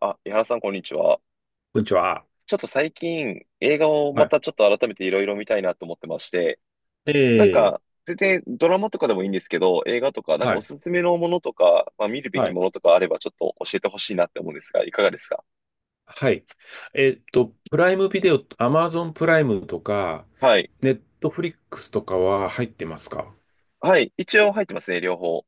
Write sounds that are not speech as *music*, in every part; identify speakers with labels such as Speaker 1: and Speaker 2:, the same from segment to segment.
Speaker 1: あ、井原さん、こんにちは。
Speaker 2: こんにちは。
Speaker 1: ちょっと最近、映画を
Speaker 2: は
Speaker 1: ま
Speaker 2: い。
Speaker 1: たちょっと改めていろいろ見たいなと思ってまして、
Speaker 2: え
Speaker 1: なん
Speaker 2: え、
Speaker 1: か、全然ドラマとかでもいいんですけど、映画とか、なんか
Speaker 2: は
Speaker 1: お
Speaker 2: い。
Speaker 1: すすめのものとか、まあ、見るべ
Speaker 2: は
Speaker 1: き
Speaker 2: い。
Speaker 1: ものとかあれば、ちょっと教えてほしいなって思うんですが、いかがですか？
Speaker 2: はい。プライムビデオ、アマゾンプライムとか、
Speaker 1: はい。
Speaker 2: ネットフリックスとかは入ってますか？
Speaker 1: はい。一応入ってますね、両方。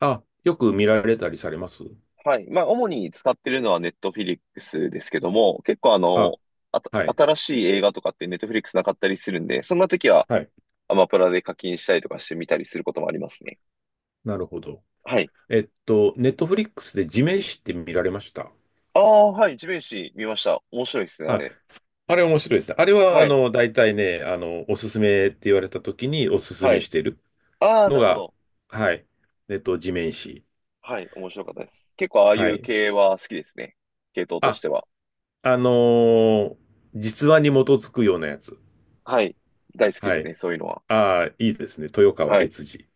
Speaker 2: あ、よく見られたりされます？
Speaker 1: はい。まあ、主に使ってるのはネットフィリックスですけども、結構あ
Speaker 2: あ、
Speaker 1: の、あた、
Speaker 2: はい。
Speaker 1: 新しい映画とかってネットフィリックスなかったりするんで、そんな時は
Speaker 2: はい。
Speaker 1: アマプラで課金したりとかして見たりすることもありますね。
Speaker 2: なるほど。
Speaker 1: はい。
Speaker 2: ネットフリックスで地面師って見られました？
Speaker 1: ああ、はい、地面師見ました。面白いですね、あ
Speaker 2: あ、
Speaker 1: れ。
Speaker 2: あれ面白いですね。あれは、
Speaker 1: はい、
Speaker 2: 大体ね、おすすめって言われた時におすす
Speaker 1: は
Speaker 2: め
Speaker 1: い。
Speaker 2: してる
Speaker 1: ああ、
Speaker 2: の
Speaker 1: なるほ
Speaker 2: が、
Speaker 1: ど。
Speaker 2: はい。地面師。
Speaker 1: はい、面白かったです。結構ああい
Speaker 2: は
Speaker 1: う
Speaker 2: い。
Speaker 1: 系は好きですね。系統とし
Speaker 2: あ
Speaker 1: ては。
Speaker 2: あのー実話に基づくようなやつ。
Speaker 1: はい、大好きで
Speaker 2: は
Speaker 1: す
Speaker 2: い。
Speaker 1: ね、そういうのは。
Speaker 2: ああ、いいですね。豊川
Speaker 1: はい。
Speaker 2: 悦司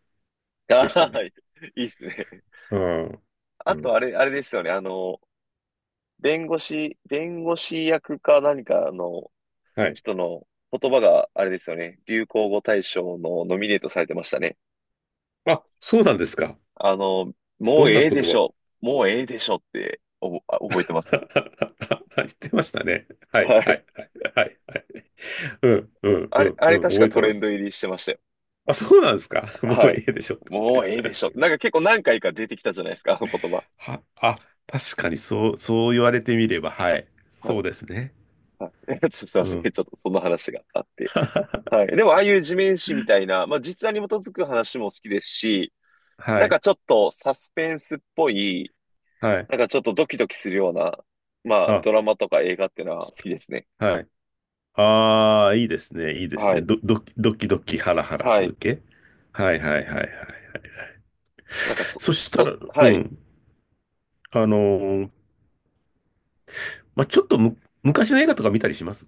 Speaker 1: あ
Speaker 2: でした
Speaker 1: ー、は
Speaker 2: ね。
Speaker 1: い。いいですね。*laughs*
Speaker 2: うん。
Speaker 1: あ
Speaker 2: う
Speaker 1: と、あ
Speaker 2: ん。
Speaker 1: れ、あれですよね。あの、弁護士役か何かの
Speaker 2: はい。
Speaker 1: 人の言葉が、あれですよね。流行語大賞のノミネートされてましたね。
Speaker 2: あ、そうなんですか。
Speaker 1: あの、も
Speaker 2: ど
Speaker 1: う
Speaker 2: んな
Speaker 1: ええ
Speaker 2: 言
Speaker 1: でし
Speaker 2: 葉を？
Speaker 1: ょ。もうええでしょって、おぼ、あ覚えてます。
Speaker 2: *laughs* 言ってましたね。はい、
Speaker 1: は
Speaker 2: は
Speaker 1: い。
Speaker 2: い、はい、はい。はい。うん、うん、
Speaker 1: あ
Speaker 2: う
Speaker 1: れ、
Speaker 2: ん、
Speaker 1: あ
Speaker 2: う
Speaker 1: れ
Speaker 2: ん。
Speaker 1: 確
Speaker 2: 覚
Speaker 1: か
Speaker 2: え
Speaker 1: ト
Speaker 2: て
Speaker 1: レ
Speaker 2: ま
Speaker 1: ン
Speaker 2: す。
Speaker 1: ド入りしてましたよ。
Speaker 2: あ、そうなんですか。*laughs* も
Speaker 1: は
Speaker 2: う
Speaker 1: い。
Speaker 2: いいでしょう。
Speaker 1: もうええでしょ。なんか結構何回か出てきたじゃないですか、あの言葉。
Speaker 2: *laughs* は、あ、確かにそう言われてみれば、はい。
Speaker 1: は
Speaker 2: そう
Speaker 1: い。
Speaker 2: ですね。
Speaker 1: はい。*laughs* ちょっとすいま
Speaker 2: う
Speaker 1: せん。ち
Speaker 2: ん。
Speaker 1: ょっとその話があって。はい。で
Speaker 2: *laughs*
Speaker 1: もああいう地面師みたいな、まあ実話に基づく話も好きですし、
Speaker 2: は
Speaker 1: なんか
Speaker 2: い、
Speaker 1: ちょっとサスペンスっぽい、
Speaker 2: はい。
Speaker 1: なんかちょっとドキドキするような、まあ
Speaker 2: あ、
Speaker 1: ドラマとか映画っていうのは好きですね。
Speaker 2: はい。ああ、いいですね、いいです
Speaker 1: は
Speaker 2: ね。
Speaker 1: い。
Speaker 2: ど、どき、ドキドキハラハラ
Speaker 1: は
Speaker 2: する
Speaker 1: い。
Speaker 2: 系。はいはいはいはい。
Speaker 1: なんか
Speaker 2: そしたら、う
Speaker 1: はい。
Speaker 2: ん。あのーまあ、ちょっとむ、昔の映画とか見たりします？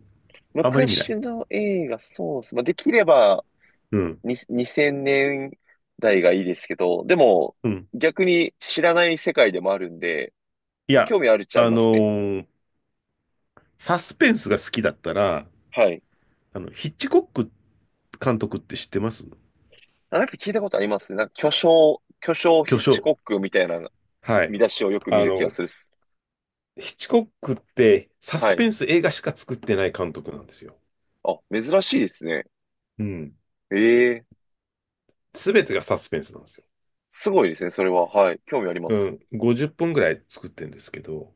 Speaker 2: あんまり見ない。
Speaker 1: 昔の映画、そうっす。まあできれば、
Speaker 2: うん。
Speaker 1: 2000年代がいいですけど、でも
Speaker 2: うん。
Speaker 1: 逆に知らない世界でもあるんで、
Speaker 2: い
Speaker 1: まあ、
Speaker 2: や、
Speaker 1: 興味あるっちゃあり
Speaker 2: あ
Speaker 1: ま
Speaker 2: の
Speaker 1: すね。
Speaker 2: ーサスペンスが好きだったら、
Speaker 1: はい。
Speaker 2: ヒッチコック監督って知ってます？
Speaker 1: あ、なんか聞いたことありますね。なんか巨匠
Speaker 2: 巨
Speaker 1: ヒッチ
Speaker 2: 匠。
Speaker 1: コックみたいな
Speaker 2: はい。
Speaker 1: 見出しをよく見
Speaker 2: あ
Speaker 1: る気が
Speaker 2: の、
Speaker 1: するっす。
Speaker 2: ヒッチコックってサ
Speaker 1: は
Speaker 2: ス
Speaker 1: い。
Speaker 2: ペンス映画しか作ってない監督なんですよ。
Speaker 1: あ、珍しいですね。
Speaker 2: うん。
Speaker 1: ええ、
Speaker 2: すべてがサスペンスなんですよ。
Speaker 1: すごいですね、それは。はい。興味ありま
Speaker 2: う
Speaker 1: す。
Speaker 2: ん、50本ぐらい作ってるんですけど、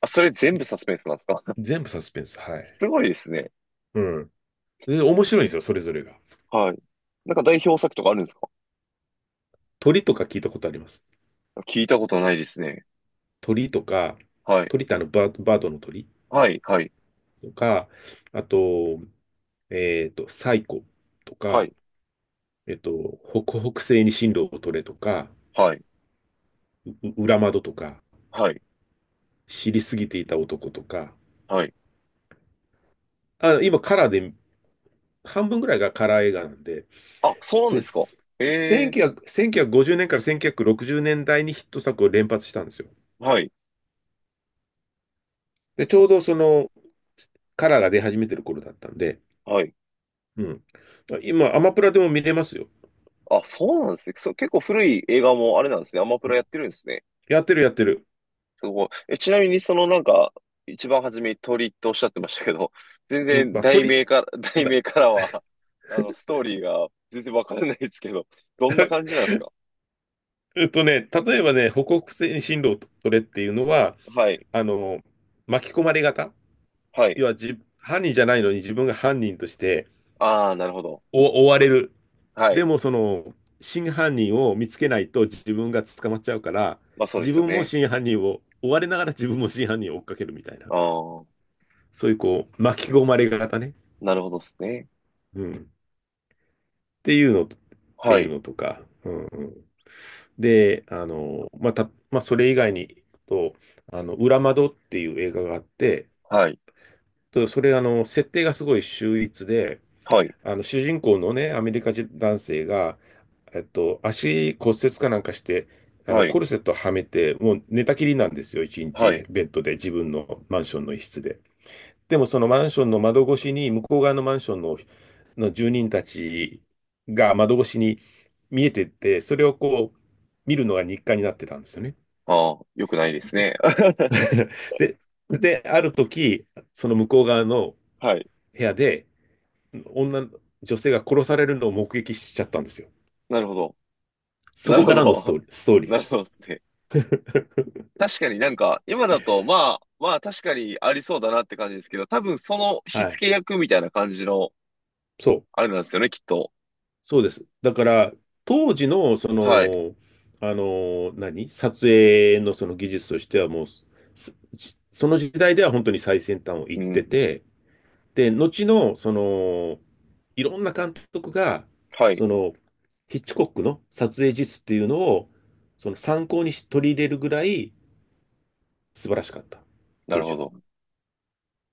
Speaker 1: あ、それ全部サスペンスなんですか？
Speaker 2: 全部サスペンス、は
Speaker 1: *laughs* す
Speaker 2: い。
Speaker 1: ごいですね。
Speaker 2: うん。で、面白いんですよ、それぞれが。
Speaker 1: はい。なんか代表作とかあるんですか？
Speaker 2: 鳥とか聞いたことあります。
Speaker 1: 聞いたことないですね。
Speaker 2: 鳥とか、
Speaker 1: はい。
Speaker 2: 鳥ってバードの鳥
Speaker 1: はい、はい。
Speaker 2: とか、あと、サイコと
Speaker 1: は
Speaker 2: か、
Speaker 1: い、
Speaker 2: えっと、北北西に進路を取れとか、
Speaker 1: はい、
Speaker 2: 裏窓とか、
Speaker 1: はい、
Speaker 2: 知りすぎていた男とか、
Speaker 1: はい。
Speaker 2: あ、今カラーで、半分ぐらいがカラー映画なんで、
Speaker 1: あ、そうなん
Speaker 2: で、
Speaker 1: ですか。ええ、
Speaker 2: 1900、1950年から1960年代にヒット作を連発したんですよ。
Speaker 1: はい、
Speaker 2: で、ちょうどその、カラーが出始めてる頃だったんで、
Speaker 1: はい。
Speaker 2: うん。今、アマプラでも見れますよ。
Speaker 1: あ、そうなんですね。そう、結構古い映画もあれなんですね。アマプ
Speaker 2: う
Speaker 1: ラ
Speaker 2: ん。
Speaker 1: やってるんですね。
Speaker 2: やってるやってる。
Speaker 1: すごい。え、ちなみに、そのなんか、一番初めに鳥とおっしゃってましたけど、*laughs* 全
Speaker 2: うん、
Speaker 1: 然
Speaker 2: まあ、
Speaker 1: 題
Speaker 2: 鳥、
Speaker 1: 名から、*laughs* 題
Speaker 2: だ、
Speaker 1: 名からは、ストーリーが全然わからないですけど、どんな感じなんですか？
Speaker 2: えっとね、例えばね、北北西進路を取れっていうのは、
Speaker 1: はい、
Speaker 2: あの、巻き込まれ型。
Speaker 1: はい。
Speaker 2: 要は、犯人じゃないのに自分が犯人として
Speaker 1: ああ、なるほど。
Speaker 2: お追われる。
Speaker 1: は
Speaker 2: で
Speaker 1: い。
Speaker 2: も、真犯人を見つけないと自分が捕まっちゃうから、
Speaker 1: まあそうで
Speaker 2: 自
Speaker 1: すよ
Speaker 2: 分も
Speaker 1: ね。
Speaker 2: 真犯人を追われながら自分も真犯人を追っかけるみたいな。
Speaker 1: ああ、
Speaker 2: そういうこう、巻き込まれ型ね。
Speaker 1: なるほどですね。
Speaker 2: うん。っていうの、って
Speaker 1: は
Speaker 2: いう
Speaker 1: い、
Speaker 2: のとか、うんうん。で、まあた、まあ、それ以外に行くと、裏窓っていう映画があって、
Speaker 1: はい、
Speaker 2: とそれ、設定がすごい秀逸で、
Speaker 1: はい、
Speaker 2: 主人公のね、アメリカ人男性が、足骨折かなんかして、
Speaker 1: はい、
Speaker 2: コルセットはめて、もう寝たきりなんですよ、一
Speaker 1: は
Speaker 2: 日、
Speaker 1: い。
Speaker 2: ベッドで、自分のマンションの一室で。でもそのマンションの窓越しに、向こう側のマンションの、住人たちが窓越しに見えてて、それをこう、見るのが日課になってたんですよね。
Speaker 1: ああ、よくないですね。*laughs*
Speaker 2: *laughs* で、で、ある時、その向こう側の
Speaker 1: はい、
Speaker 2: 部屋で、女、女性が殺されるのを目撃しちゃったんですよ。
Speaker 1: なるほど。
Speaker 2: そ
Speaker 1: な
Speaker 2: こ
Speaker 1: るほ
Speaker 2: からのスト
Speaker 1: ど。
Speaker 2: ーリー、ストー
Speaker 1: *laughs*
Speaker 2: リー
Speaker 1: な
Speaker 2: で
Speaker 1: るほ
Speaker 2: す。
Speaker 1: どですね。
Speaker 2: *laughs*
Speaker 1: 確かになんか、今だと、まあ確かにありそうだなって感じですけど、多分その火
Speaker 2: はい。
Speaker 1: 付け役みたいな感じの、
Speaker 2: そう。
Speaker 1: あれなんですよね、きっと。
Speaker 2: そうです。だから、当時の、
Speaker 1: はい。
Speaker 2: 撮影のその技術としてはもう、その時代では本当に最先端を
Speaker 1: う
Speaker 2: 行って
Speaker 1: ん。
Speaker 2: て、で、後の、いろんな監督が、
Speaker 1: はい。
Speaker 2: その、ヒッチコックの撮影術っていうのを、その参考にし取り入れるぐらい素晴らしかった、
Speaker 1: な
Speaker 2: 当
Speaker 1: る
Speaker 2: 時
Speaker 1: ほ
Speaker 2: は。
Speaker 1: ど。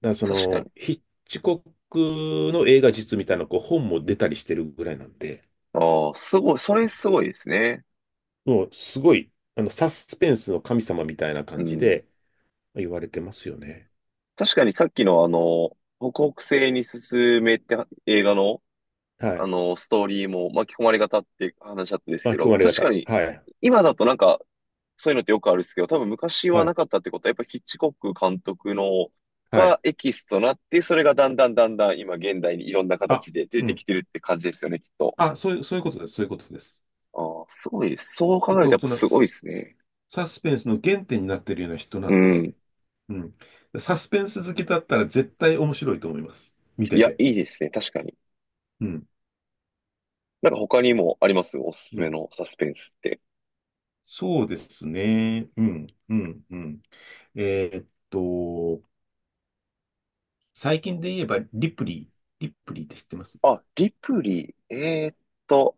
Speaker 2: だから
Speaker 1: 確かに。
Speaker 2: ヒッチコックの映画実みたいな、こう、本も出たりしてるぐらいなんで、
Speaker 1: ああ、すごい。それすごいですね。
Speaker 2: もうすごい、サスペンスの神様みたいな
Speaker 1: う
Speaker 2: 感じ
Speaker 1: ん。
Speaker 2: で言われてますよね。
Speaker 1: 確かにさっきの北北西に進めって映画の、
Speaker 2: は
Speaker 1: あ
Speaker 2: い。
Speaker 1: の、ストーリーも巻き込まれ方って話だったんですけ
Speaker 2: 巻き込
Speaker 1: ど、
Speaker 2: まれ
Speaker 1: 確か
Speaker 2: 方。
Speaker 1: に、
Speaker 2: はい。
Speaker 1: 今だとなんか、そういうのってよくあるんですけど、多分昔は
Speaker 2: は
Speaker 1: な
Speaker 2: い。
Speaker 1: かったってことは、やっぱヒッチコック監督の
Speaker 2: はい。
Speaker 1: がエキスとなって、それがだんだんだんだん今現代にいろんな
Speaker 2: あ、
Speaker 1: 形で出
Speaker 2: う
Speaker 1: てき
Speaker 2: ん。
Speaker 1: てるって感じですよね、きっと。
Speaker 2: あ、そういうことです。そういうことです。
Speaker 1: ああ、すごい。そう考
Speaker 2: だ
Speaker 1: え
Speaker 2: か
Speaker 1: るとや
Speaker 2: ら、
Speaker 1: っぱすごいですね。
Speaker 2: サスペンスの原点になっているような人な
Speaker 1: う
Speaker 2: ん
Speaker 1: ん。
Speaker 2: で、うん。サスペンス好きだったら絶対面白いと思います。見
Speaker 1: い
Speaker 2: て
Speaker 1: や、
Speaker 2: て。
Speaker 1: いいですね。確かに。
Speaker 2: うん。
Speaker 1: なんか他にもあります？おすす
Speaker 2: う
Speaker 1: め
Speaker 2: ん。
Speaker 1: のサスペンスって。
Speaker 2: そうですね。うん。うん。うん。えーっと、最近で言えば、リプリー。リプリーって知ってます？
Speaker 1: あ、リプリー。と、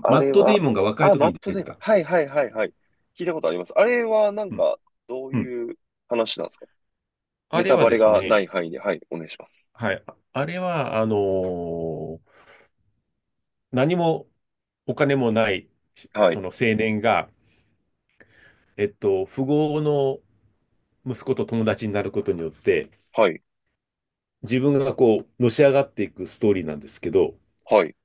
Speaker 1: あ
Speaker 2: マッ
Speaker 1: れ
Speaker 2: ト・デイ
Speaker 1: は、
Speaker 2: モンが若い
Speaker 1: あ、
Speaker 2: 時
Speaker 1: マッ
Speaker 2: に
Speaker 1: ト
Speaker 2: 出
Speaker 1: デイ
Speaker 2: て
Speaker 1: モン。
Speaker 2: た。
Speaker 1: はいはいはいはい。聞いたことあります。あれはなん
Speaker 2: うん。
Speaker 1: か、どう
Speaker 2: うん。
Speaker 1: いう話なんですか？
Speaker 2: あ
Speaker 1: ネ
Speaker 2: れ
Speaker 1: タ
Speaker 2: は
Speaker 1: バ
Speaker 2: で
Speaker 1: レ
Speaker 2: す
Speaker 1: がな
Speaker 2: ね、
Speaker 1: い範囲で、はい、お願いします。
Speaker 2: はい。あれは、何もお金もない、し
Speaker 1: は
Speaker 2: そ
Speaker 1: い、
Speaker 2: の青年が、富豪の息子と友達になることによって、
Speaker 1: はい、
Speaker 2: 自分がこう、のし上がっていくストーリーなんですけど、
Speaker 1: はい。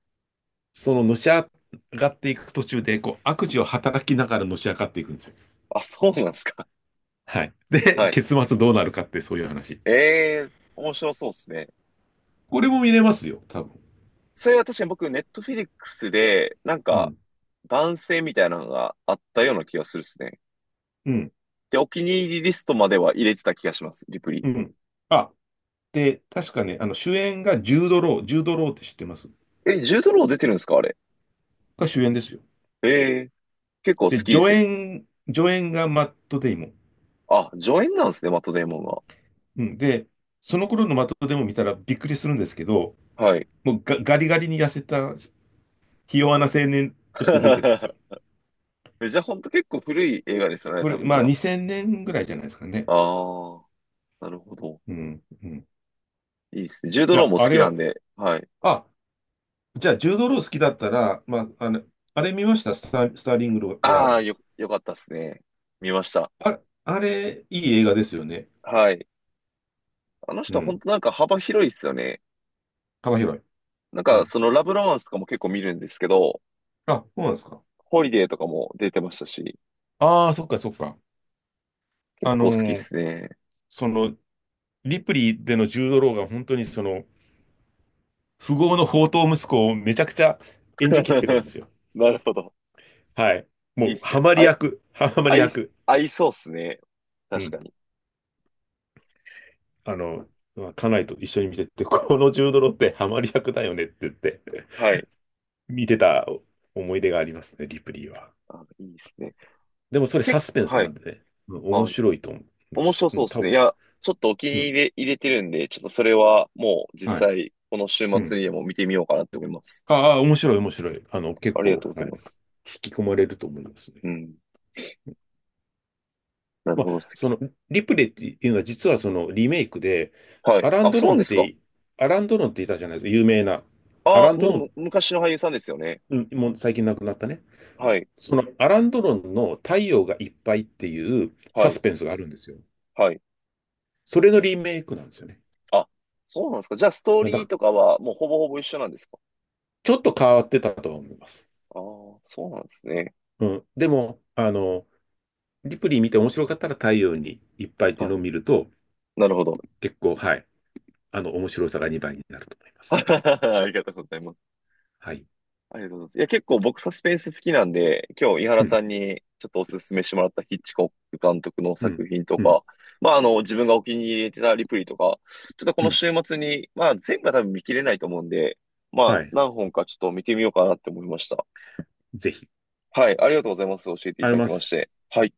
Speaker 2: そののし上がっていく途中で、こう、悪事を働きながらのし上がっていくんですよ。
Speaker 1: あ、そうなんですか。
Speaker 2: はい。
Speaker 1: *laughs*
Speaker 2: で、
Speaker 1: はい。
Speaker 2: 結末どうなるかって、そういう話。
Speaker 1: ええー、面白そうですね。
Speaker 2: これも見れますよ、多分。
Speaker 1: それは確かに僕、ネットフィリックスで、なん
Speaker 2: う
Speaker 1: か、
Speaker 2: ん。
Speaker 1: 番宣みたいなのがあったような気がするですね。
Speaker 2: うん。
Speaker 1: で、お気に入りリストまでは入れてた気がします、リプリ。
Speaker 2: うん。あで、確かね、主演がジュード・ロー、ジュード・ローって知ってます？
Speaker 1: え、ジュードロー出てるんですか？あれ。
Speaker 2: が主演ですよ。
Speaker 1: ええー、結構好
Speaker 2: で、
Speaker 1: きで
Speaker 2: 助
Speaker 1: すね。
Speaker 2: 演、助演がマット・デイモン。
Speaker 1: あ、助演なんですね、マットデイモンが。
Speaker 2: うん、で、その頃のマット・デイモン見たらびっくりするんですけど、
Speaker 1: はい。
Speaker 2: もうガリガリに痩せた、ひ弱な青年として出てるんですよ。
Speaker 1: *laughs* じゃあ、ほんと結構古い映画ですよね、
Speaker 2: こ
Speaker 1: 多
Speaker 2: れ、
Speaker 1: 分じ
Speaker 2: まあ
Speaker 1: ゃあ。
Speaker 2: 2000年ぐらいじゃないですかね。
Speaker 1: あー、なるほど。
Speaker 2: うん、うん。い
Speaker 1: いいですね。ジュード・ロー
Speaker 2: や、
Speaker 1: も好
Speaker 2: あ
Speaker 1: き
Speaker 2: れ
Speaker 1: な
Speaker 2: は、
Speaker 1: んで、はい。
Speaker 2: あ、じゃあ、ジュード・ロー好きだったら、まあ、あれ見ましたスターリング・ラー
Speaker 1: ああ、
Speaker 2: ド。
Speaker 1: よかったですね。見ました。
Speaker 2: あ、あれ、いい映画ですよね。
Speaker 1: はい。あの
Speaker 2: う
Speaker 1: 人、本
Speaker 2: ん。
Speaker 1: 当なんか幅広いですよね。
Speaker 2: 幅広い。
Speaker 1: なん
Speaker 2: う
Speaker 1: か、
Speaker 2: ん。
Speaker 1: そのラブロマンスとかも結構見るんですけど、
Speaker 2: あ、そうなんですか。
Speaker 1: ホリデーとかも出てましたし、
Speaker 2: ああ、そっかそっか。
Speaker 1: 結
Speaker 2: あの
Speaker 1: 構好きで
Speaker 2: ー
Speaker 1: すね。
Speaker 2: その、リプリーでのジュードローが本当にその、富豪の宝刀息子をめちゃくちゃ演じきってるんで
Speaker 1: *laughs*
Speaker 2: すよ。
Speaker 1: なるほど。
Speaker 2: はい。
Speaker 1: い
Speaker 2: も
Speaker 1: いっ
Speaker 2: う、
Speaker 1: すね。
Speaker 2: ハマり
Speaker 1: あい、
Speaker 2: 役、ハマ
Speaker 1: 合
Speaker 2: り
Speaker 1: い、
Speaker 2: 役。
Speaker 1: 合いそうっすね。
Speaker 2: う
Speaker 1: 確か
Speaker 2: ん。
Speaker 1: に。
Speaker 2: あの、まあ家内と一緒に見てて、このジュードローってハマり役だよねって言って、
Speaker 1: はい。
Speaker 2: 見てた思い出がありますね、リプリーは。
Speaker 1: あ、いいっすね。
Speaker 2: でもそれ
Speaker 1: 結
Speaker 2: サスペン
Speaker 1: 構、
Speaker 2: ス
Speaker 1: は
Speaker 2: な
Speaker 1: い。
Speaker 2: んでね、うん面
Speaker 1: はい。
Speaker 2: 白いと思う。
Speaker 1: 面白
Speaker 2: う
Speaker 1: そうっ
Speaker 2: ん、
Speaker 1: す
Speaker 2: 多
Speaker 1: ね。い
Speaker 2: 分。
Speaker 1: や、ちょっとお気
Speaker 2: う
Speaker 1: に入
Speaker 2: ん。
Speaker 1: り入れてるんで、ちょっとそれはもう
Speaker 2: は
Speaker 1: 実
Speaker 2: い。
Speaker 1: 際、この週
Speaker 2: う
Speaker 1: 末
Speaker 2: ん。
Speaker 1: にでも見てみようかなって思います。
Speaker 2: ああ、面白い、面白い。結
Speaker 1: ありが
Speaker 2: 構、
Speaker 1: とうござい
Speaker 2: はい。
Speaker 1: ます。
Speaker 2: 引き込まれると思います
Speaker 1: う
Speaker 2: ね。
Speaker 1: ん。なる
Speaker 2: ま
Speaker 1: ほどで
Speaker 2: あ、
Speaker 1: す。
Speaker 2: その、リプレイっていうのは、実はそのリメイクで、
Speaker 1: はい。
Speaker 2: アラン・
Speaker 1: あ、
Speaker 2: ドロ
Speaker 1: そ
Speaker 2: ン
Speaker 1: う
Speaker 2: っ
Speaker 1: ですか。
Speaker 2: て、アラン・ドロンっていたじゃないですか、有名な。ア
Speaker 1: あ、
Speaker 2: ラン・ド
Speaker 1: もう
Speaker 2: ロン、
Speaker 1: 昔の俳優さんですよね。
Speaker 2: うんもう最近亡くなったね。
Speaker 1: はい。
Speaker 2: そのアラン・ドロンの太陽がいっぱいっていう
Speaker 1: は
Speaker 2: サ
Speaker 1: い。
Speaker 2: スペンスがあるんですよ。
Speaker 1: はい。
Speaker 2: それのリメイクなんですよね。
Speaker 1: あ、そうなんですか。じゃあ、ストー
Speaker 2: だか
Speaker 1: リー
Speaker 2: ら、
Speaker 1: とかはもうほぼほぼ一緒なんですか。
Speaker 2: ちょっと変わってたとは思います。
Speaker 1: ああー、そうなんですね。
Speaker 2: うん。でも、リプリイ見て面白かったら太陽にいっぱいってい
Speaker 1: は
Speaker 2: うの
Speaker 1: い。
Speaker 2: を見ると、
Speaker 1: なるほど。
Speaker 2: 結構、はい。面白さが2倍になると思いま
Speaker 1: *laughs*
Speaker 2: す。
Speaker 1: ありがとうございます。
Speaker 2: はい。
Speaker 1: ありがとうございます。いや、結構僕サスペンス好きなんで、今日井
Speaker 2: う
Speaker 1: 原
Speaker 2: ん、
Speaker 1: さんにちょっとお勧めしてもらったヒッチコック監督の
Speaker 2: うん、
Speaker 1: 作品と
Speaker 2: うん、
Speaker 1: か、まあ、自分がお気に入りてたリプリーとか、ちょっとこ
Speaker 2: う
Speaker 1: の
Speaker 2: ん。
Speaker 1: 週末に、まあ、全部は多分見切れないと思うんで、まあ、
Speaker 2: はい。
Speaker 1: 何本かちょっと見てみようかなって思いました。
Speaker 2: ぜひ。
Speaker 1: はい、ありがとうございます。教えてい
Speaker 2: あり
Speaker 1: ただき
Speaker 2: ま
Speaker 1: まし
Speaker 2: す。
Speaker 1: て。はい。